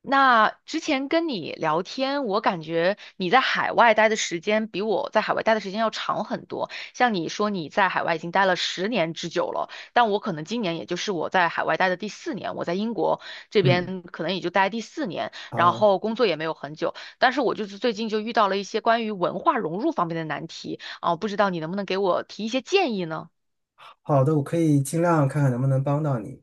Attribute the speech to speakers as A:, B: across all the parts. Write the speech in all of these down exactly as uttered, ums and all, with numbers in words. A: 那之前跟你聊天，我感觉你在海外待的时间比我在海外待的时间要长很多。像你说你在海外已经待了十年之久了，但我可能今年也就是我在海外待的第四年，我在英国这
B: 嗯，
A: 边可能也就待第四年，然
B: 好
A: 后工作也没有很久。但是我就是最近就遇到了一些关于文化融入方面的难题啊，不知道你能不能给我提一些建议呢？
B: 好的，我可以尽量看看能不能帮到你。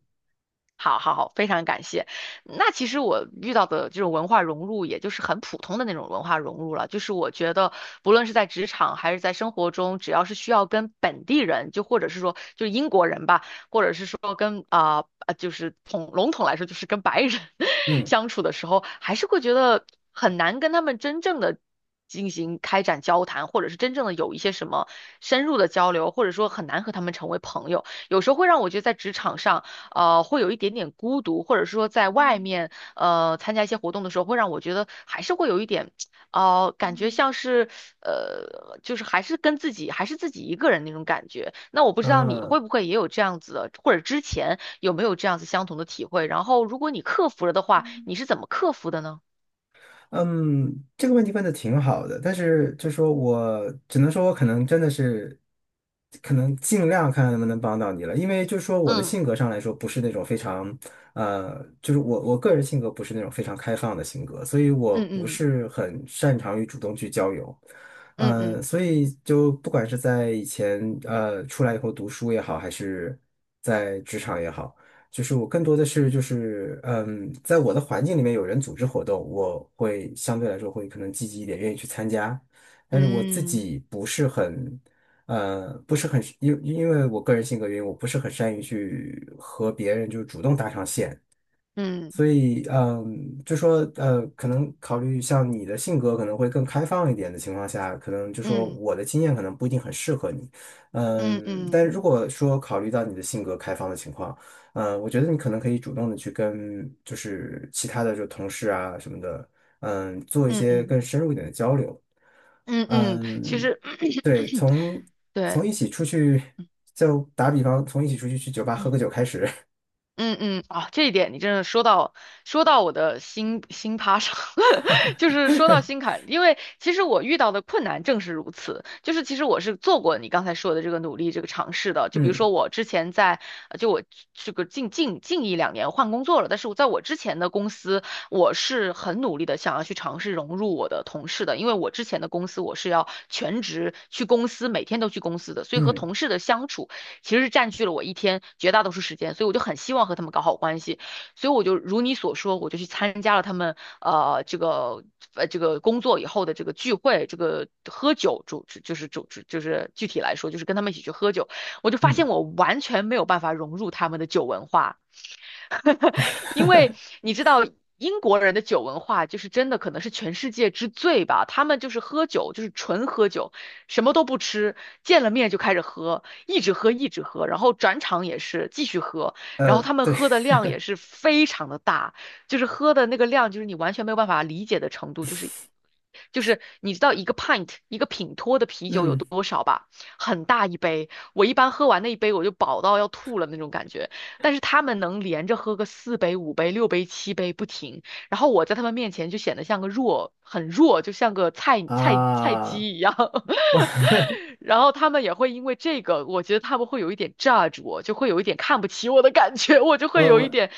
A: 好好好，非常感谢。那其实我遇到的这种文化融入，也就是很普通的那种文化融入了。就是我觉得，不论是在职场还是在生活中，只要是需要跟本地人，就或者是说就是英国人吧，者是说跟啊啊、就是统笼统来说，就是跟白人
B: 嗯
A: 相处的时候，还是会觉得很难跟他们真正的进行开展交谈，或者是真正的有一些什么深入的交流，或者说很难和他们成为朋友。有时候会让我觉得在职场上，呃，会有一点点孤独，或者是说在外面呃参加一些活动的时候，会让我觉得还是会有一点。哦，感觉像是，呃，就是还是跟自己，还是自己一个人那种感觉。那我不知道你
B: 啊，
A: 会不会也有这样子的，或者之前有没有这样子相同的体会？然后，如果你克服了的话，你是怎么克服的呢？
B: 嗯，这个问题问的挺好的，但是就说我只能说，我可能真的是，可能尽量看看能不能帮到你了，因为就说我的
A: 嗯
B: 性格上来说，不是那种非常，呃，就是我我个人性格不是那种非常开放的性格，所以我
A: 嗯
B: 不
A: 嗯
B: 是很擅长于主动去交友。
A: 嗯
B: 呃，
A: 嗯
B: 所以就不管是在以前呃出来以后读书也好，还是在职场也好。就是我更多的是就是嗯，在我的环境里面有人组织活动，我会相对来说会可能积极一点，愿意去参加。但是我自
A: 嗯
B: 己不是很呃，不是很因因为我个人性格原因，我不是很善于去和别人就是主动搭上线。
A: 嗯
B: 所以，嗯，就说，呃，可能考虑像你的性格可能会更开放一点的情况下，可能就说
A: 嗯
B: 我的经验可能不一定很适合你，
A: 嗯
B: 嗯，但
A: 嗯
B: 如果说考虑到你的性格开放的情况，嗯，我觉得你可能可以主动的去跟就是其他的就同事啊什么的，嗯，做一
A: 嗯
B: 些
A: 嗯
B: 更深入一点的交流，
A: 嗯，嗯，其
B: 嗯，
A: 实
B: 对，从
A: 对，
B: 从一起出去，
A: 嗯
B: 就打比方，从一起出去去酒吧喝个
A: 嗯。
B: 酒开始，
A: 嗯嗯啊，这一点你真的说到说到我的心心趴上，就是说到心坎，因为其实我遇到的困难正是如此，就是其实我是做过你刚才说的这个努力这个尝试的，就比如
B: 嗯
A: 说我之前在呃就我这个近近近一两年换工作了，但是我在我之前的公司，我是很努力的想要去尝试融入我的同事的，因为我之前的公司我是要全职去公司，每天都去公司的，所以和
B: 嗯
A: 同事的相处。其实是占据了我一天绝大多数时间，所以我就很希望和他们搞好关系，所以我就如你所说，我就去参加了他们呃这个呃这个工作以后的这个聚会，这个喝酒主就是主就是具体来说就是跟他们一起去喝酒，我就发
B: 嗯，
A: 现我完全没有办法融入他们的酒文化。因为你知道英国人的酒文化就是真的可能是全世界之最吧，他们就是喝酒，就是纯喝酒，什么都不吃，见了面就开始喝，一直喝一直喝，然后转场也是继续喝，然后
B: 呃，
A: 他们
B: 对。
A: 喝的量也是非常的大，就是喝的那个量就是你完全没有办法理解的程度，就是。就是你知道一个 pint 一个品托的啤酒有
B: 嗯
A: 多少吧？很大一杯，我一般喝完那一杯我就饱到要吐了那种感觉。但是他们能连着喝个四杯、五杯、六杯、七杯不停，然后我在他们面前就显得像个弱，很弱，就像个菜菜菜
B: 啊，
A: 鸡一样。
B: 我
A: 然后他们也会因为这个，我觉得他们会有一点 judge 我，就会有一点看不起我的感觉，我就
B: 我
A: 会有一
B: 我
A: 点，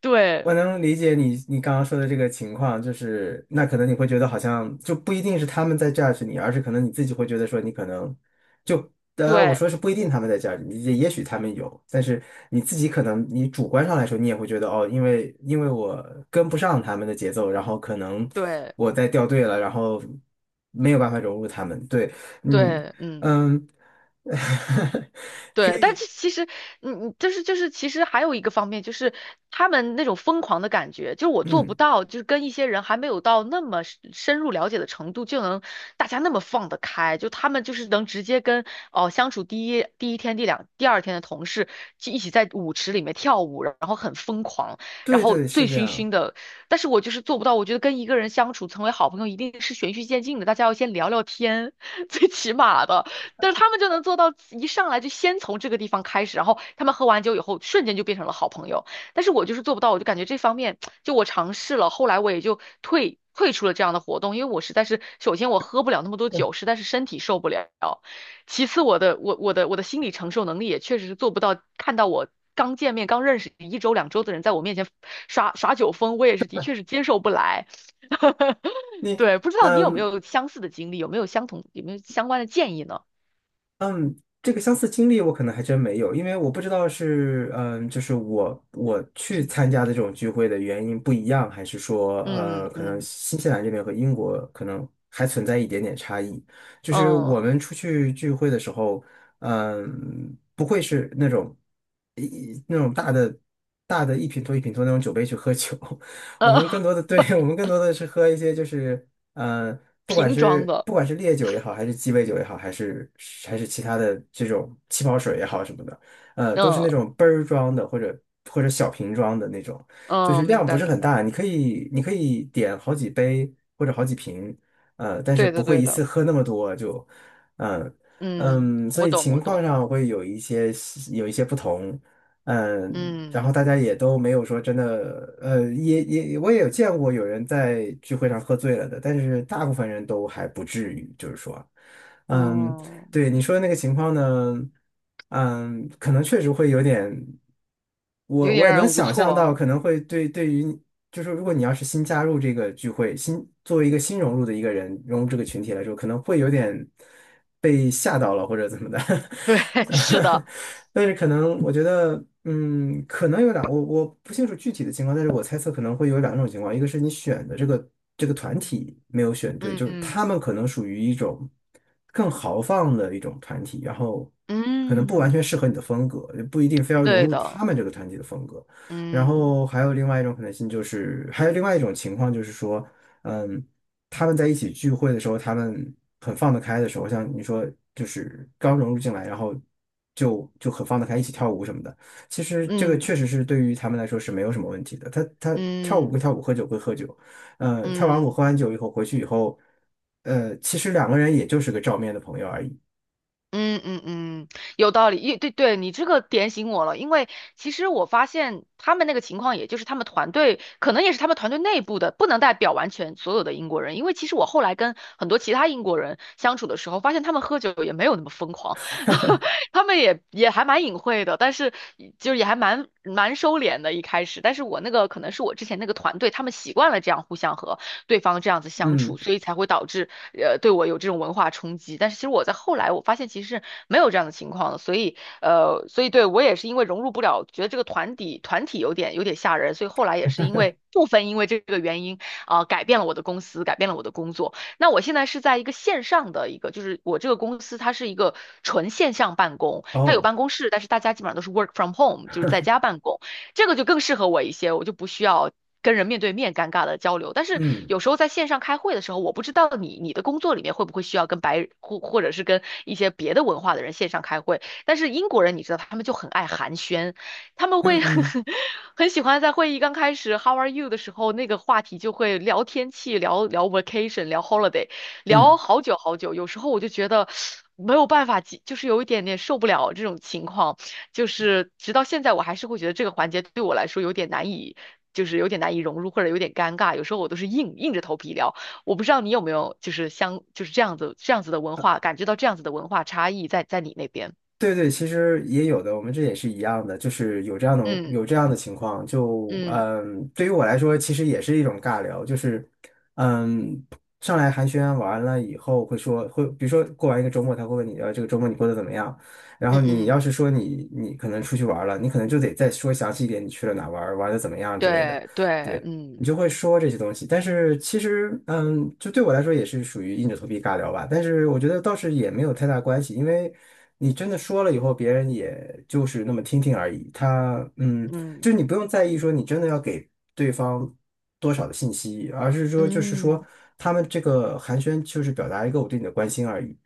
A: 对
B: 我能理解你你刚刚说的这个情况，就是那可能你会觉得好像就不一定是他们在 judge 你，而是可能你自己会觉得说你可能就当然我
A: 对
B: 说是不一定他们在 judge 你，也也许他们有，但是你自己可能你主观上来说你也会觉得哦，因为因为我跟不上他们的节奏，然后可能
A: 对
B: 我在掉队了，然后没有办法融入他们。对，嗯
A: 对，嗯。
B: 嗯
A: 对，但是其实，嗯，嗯就是就是，其实还有一个方面，就是他们那种疯狂的感觉，就是我做不
B: 嗯，
A: 到，就是跟一些人还没有到那么深深入了解的程度，就能大家那么放得开，就他们就是能直接跟哦相处第一第一天、第两第二天的同事就一起在舞池里面跳舞，然后很疯狂，然
B: 对
A: 后
B: 对是
A: 醉
B: 这
A: 醺醺
B: 样。
A: 的。但是我就是做不到，我觉得跟一个人相处成为好朋友一定是循序渐进的，大家要先聊聊天，最起码的。但是他们就能做到一上来就先从这个地方开始，然后他们喝完酒以后瞬间就变成了好朋友。但是我就是做不到，我就感觉这方面就我尝试了，后来我也就退退出了这样的活动，因为我实在是首先我喝不了那么多酒，实在是身体受不了，其次我的我我的我的心理承受能力也确实是做不到，看到我。刚见面、刚认识一周两周的人，在我面前耍耍酒疯，我也是的确是接受不来。
B: 你
A: 对，不知道你有没
B: 嗯
A: 有相似的经历，有没有相同，有没有相关的建议呢？
B: 嗯，这个相似经历我可能还真没有，因为我不知道是嗯，就是我我去参加的这种聚会的原因不一样，还是说
A: 嗯
B: 呃，可能
A: 嗯嗯
B: 新西兰这边和英国可能还存在一点点差异。就是
A: 呃
B: 我们出去聚会的时候，嗯，不会是那种一一那种大的大的一品托一品托那种酒杯去喝酒，我们更多的 对 我们更多的是喝一些就是呃，不管是不管是烈酒也好，还是鸡尾酒也好，还是还是其他的这种气泡水也好什么的，呃，都是
A: 嗯
B: 那种杯儿装的或者或者小瓶装的那种，就是
A: 嗯，明
B: 量不
A: 白
B: 是
A: 明
B: 很
A: 白，
B: 大，你可以你可以点好几杯或者好几瓶，呃，但是
A: 对
B: 不
A: 的
B: 会
A: 对
B: 一次
A: 的，
B: 喝那么多就，嗯、
A: 嗯，
B: 嗯，所
A: 我
B: 以
A: 懂
B: 情
A: 我
B: 况
A: 懂，
B: 上会有一些有一些不同，嗯，
A: 嗯
B: 然后大家也都没有说真的，呃，也也我也有见过有人在聚会上喝醉了的，但是大部分人都还不至于，就是说，嗯，
A: 嗯，
B: 对你说的那个情况呢，嗯，可能确实会有点，我
A: 有
B: 我
A: 点
B: 也
A: 让
B: 能
A: 人无
B: 想
A: 措
B: 象到，
A: 哦，
B: 可能会对对于你就是如果你要是新加入这个聚会，新作为一个新融入的一个人，融入这个群体来说，可能会有点被吓到了或者怎么的，
A: 对，是 的，
B: 但是可能我觉得，嗯，可能有两，我我不清楚具体的情况，但是我猜测可能会有两种情况，一个是你选的这个这个团体没有选对，
A: 嗯
B: 就是
A: 嗯
B: 他们可能属于一种。更豪放的一种团体，然后可能不完
A: 嗯，
B: 全适合你的风格，也不一定非要融
A: 对
B: 入
A: 的，
B: 他们这个团体的风格。然
A: 嗯
B: 后还有另外一种可能性，就是还有另外一种情况，就是说，嗯，他们在一起聚会的时候，他们很放得开的时候，像你说，就是刚融入进来，然后就就很放得开，一起跳舞什么的。其实这个
A: 嗯
B: 确实是对于他们来说是没有什么问题的。他他跳舞归
A: 嗯
B: 跳舞，喝酒归喝酒，嗯，跳完舞
A: 嗯
B: 喝完酒以后回去以后。呃，其实两个人也就是个照面的朋友而已。
A: 嗯嗯嗯，有道理，一对对，你这个点醒我了，因为其实我发现他们那个情况，也就是他们团队可能也是他们团队内部的，不能代表完全所有的英国人，因为其实我后来跟很多其他英国人相处的时候，发现他们喝酒也没有那么疯狂，他们也也还蛮隐晦的，但是就是也还蛮蛮收敛的，一开始，但是我那个可能是我之前那个团队，他们习惯了这样互相喝，对方这样子相处，
B: 嗯，
A: 所以才会导致呃对我有这种文化冲击。但是其实我在后来我发现其实是没有这样的情况的，所以呃所以对我也是因为融入不了，觉得这个团体团体有点有点吓人，所以后来也是因为部分因为这个原因啊、呃改变了我的公司，改变了我的工作。那我现在是在一个线上的一个，就是我这个公司它是一个纯线上办公，它有
B: 哦，
A: 办公室，但是大家基本上都是 work from home，就是在家办公。这个就更适合我一些，我就不需要跟人面对面尴尬的交流。但是
B: 嗯
A: 有时候在线上开会的时候，我不知道你你的工作里面会不会需要跟白或或者是跟一些别的文化的人线上开会。但是英国人你知道，他们就很爱寒暄，他们
B: 嗯
A: 会
B: 嗯
A: 很喜欢在会议刚开始 “How are you” 的时候，那个话题就会聊天气、聊聊 vacation、聊 holiday，聊
B: 嗯，
A: 好久好久。有时候我就觉得，没有办法，就是有一点点受不了这种情况。就是直到现在，我还是会觉得这个环节对我来说有点难以，就是有点难以融入，或者有点尴尬。有时候我都是硬硬着头皮聊。我不知道你有没有就是相就是这样子这样子的文化，感觉到这样子的文化差异在在你那边。
B: 对对，其实也有的，我们这也是一样的，就是有这样的
A: 嗯
B: 有这样的情况。就
A: 嗯
B: 嗯，对于我来说，其实也是一种尬聊，就是嗯，上来寒暄完了以后，会说会，比如说过完一个周末，他会问你，呃，这个周末你过得怎么样？然后
A: 嗯
B: 你要
A: 嗯，
B: 是说你你可能出去玩了，你可能就得再说详细一点，你去了哪玩儿玩的怎么样之类的。
A: 对对，
B: 对。
A: 嗯
B: 你就会说这些东西。但是其实，嗯，就对我来说也是属于硬着头皮尬聊吧。但是我觉得倒是也没有太大关系，因为你真的说了以后，别人也就是那么听听而已。他，嗯，
A: 嗯
B: 就是你不用在意说你真的要给对方多少的信息，而是说就是
A: 嗯
B: 说他们这个寒暄就是表达一个我对你的关心而已。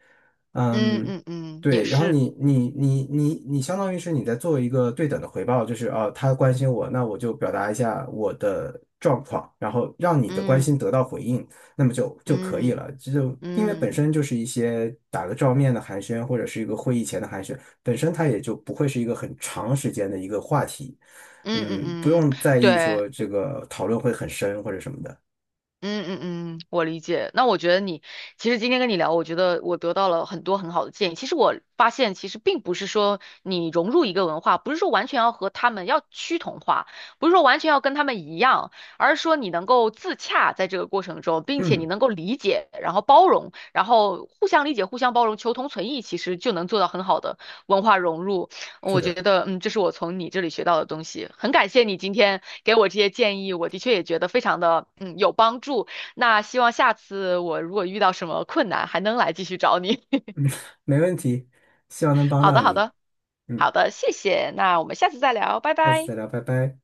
A: 嗯
B: 嗯，
A: 嗯嗯，也
B: 对，然后
A: 是，
B: 你你你你你相当于是你在做一个对等的回报，就是啊，他关心我，那我就表达一下我的状况，然后让你的关心
A: 嗯
B: 得到回应，那么就就可以
A: 嗯
B: 了。这就因为本
A: 嗯嗯
B: 身就是一些打个照面的寒暄，或者是一个会议前的寒暄，本身它也就不会是一个很长时间的一个话题，
A: 嗯嗯
B: 嗯，不
A: 嗯，
B: 用在意
A: 对。
B: 说这个讨论会很深或者什么的。
A: 嗯嗯嗯，我理解。那我觉得你其实今天跟你聊，我觉得我得到了很多很好的建议。其实我发现，其实并不是说你融入一个文化，不是说完全要和他们要趋同化，不是说完全要跟他们一样，而是说你能够自洽在这个过程中，并且你
B: 嗯，
A: 能够理解，然后包容，然后互相理解、互相包容、求同存异，其实就能做到很好的文化融入。
B: 是
A: 我觉
B: 的，
A: 得，嗯，这是我从你这里学到的东西，很感谢你今天给我这些建议，我的确也觉得非常的，嗯，有帮助。那希望下次我如果遇到什么困难，还能来继续找你。
B: 没问题，希望能帮
A: 好
B: 到
A: 的，好
B: 你。
A: 的，
B: 嗯，
A: 好的，谢谢。那我们下次再聊，拜
B: 下次
A: 拜。
B: 再聊，拜拜。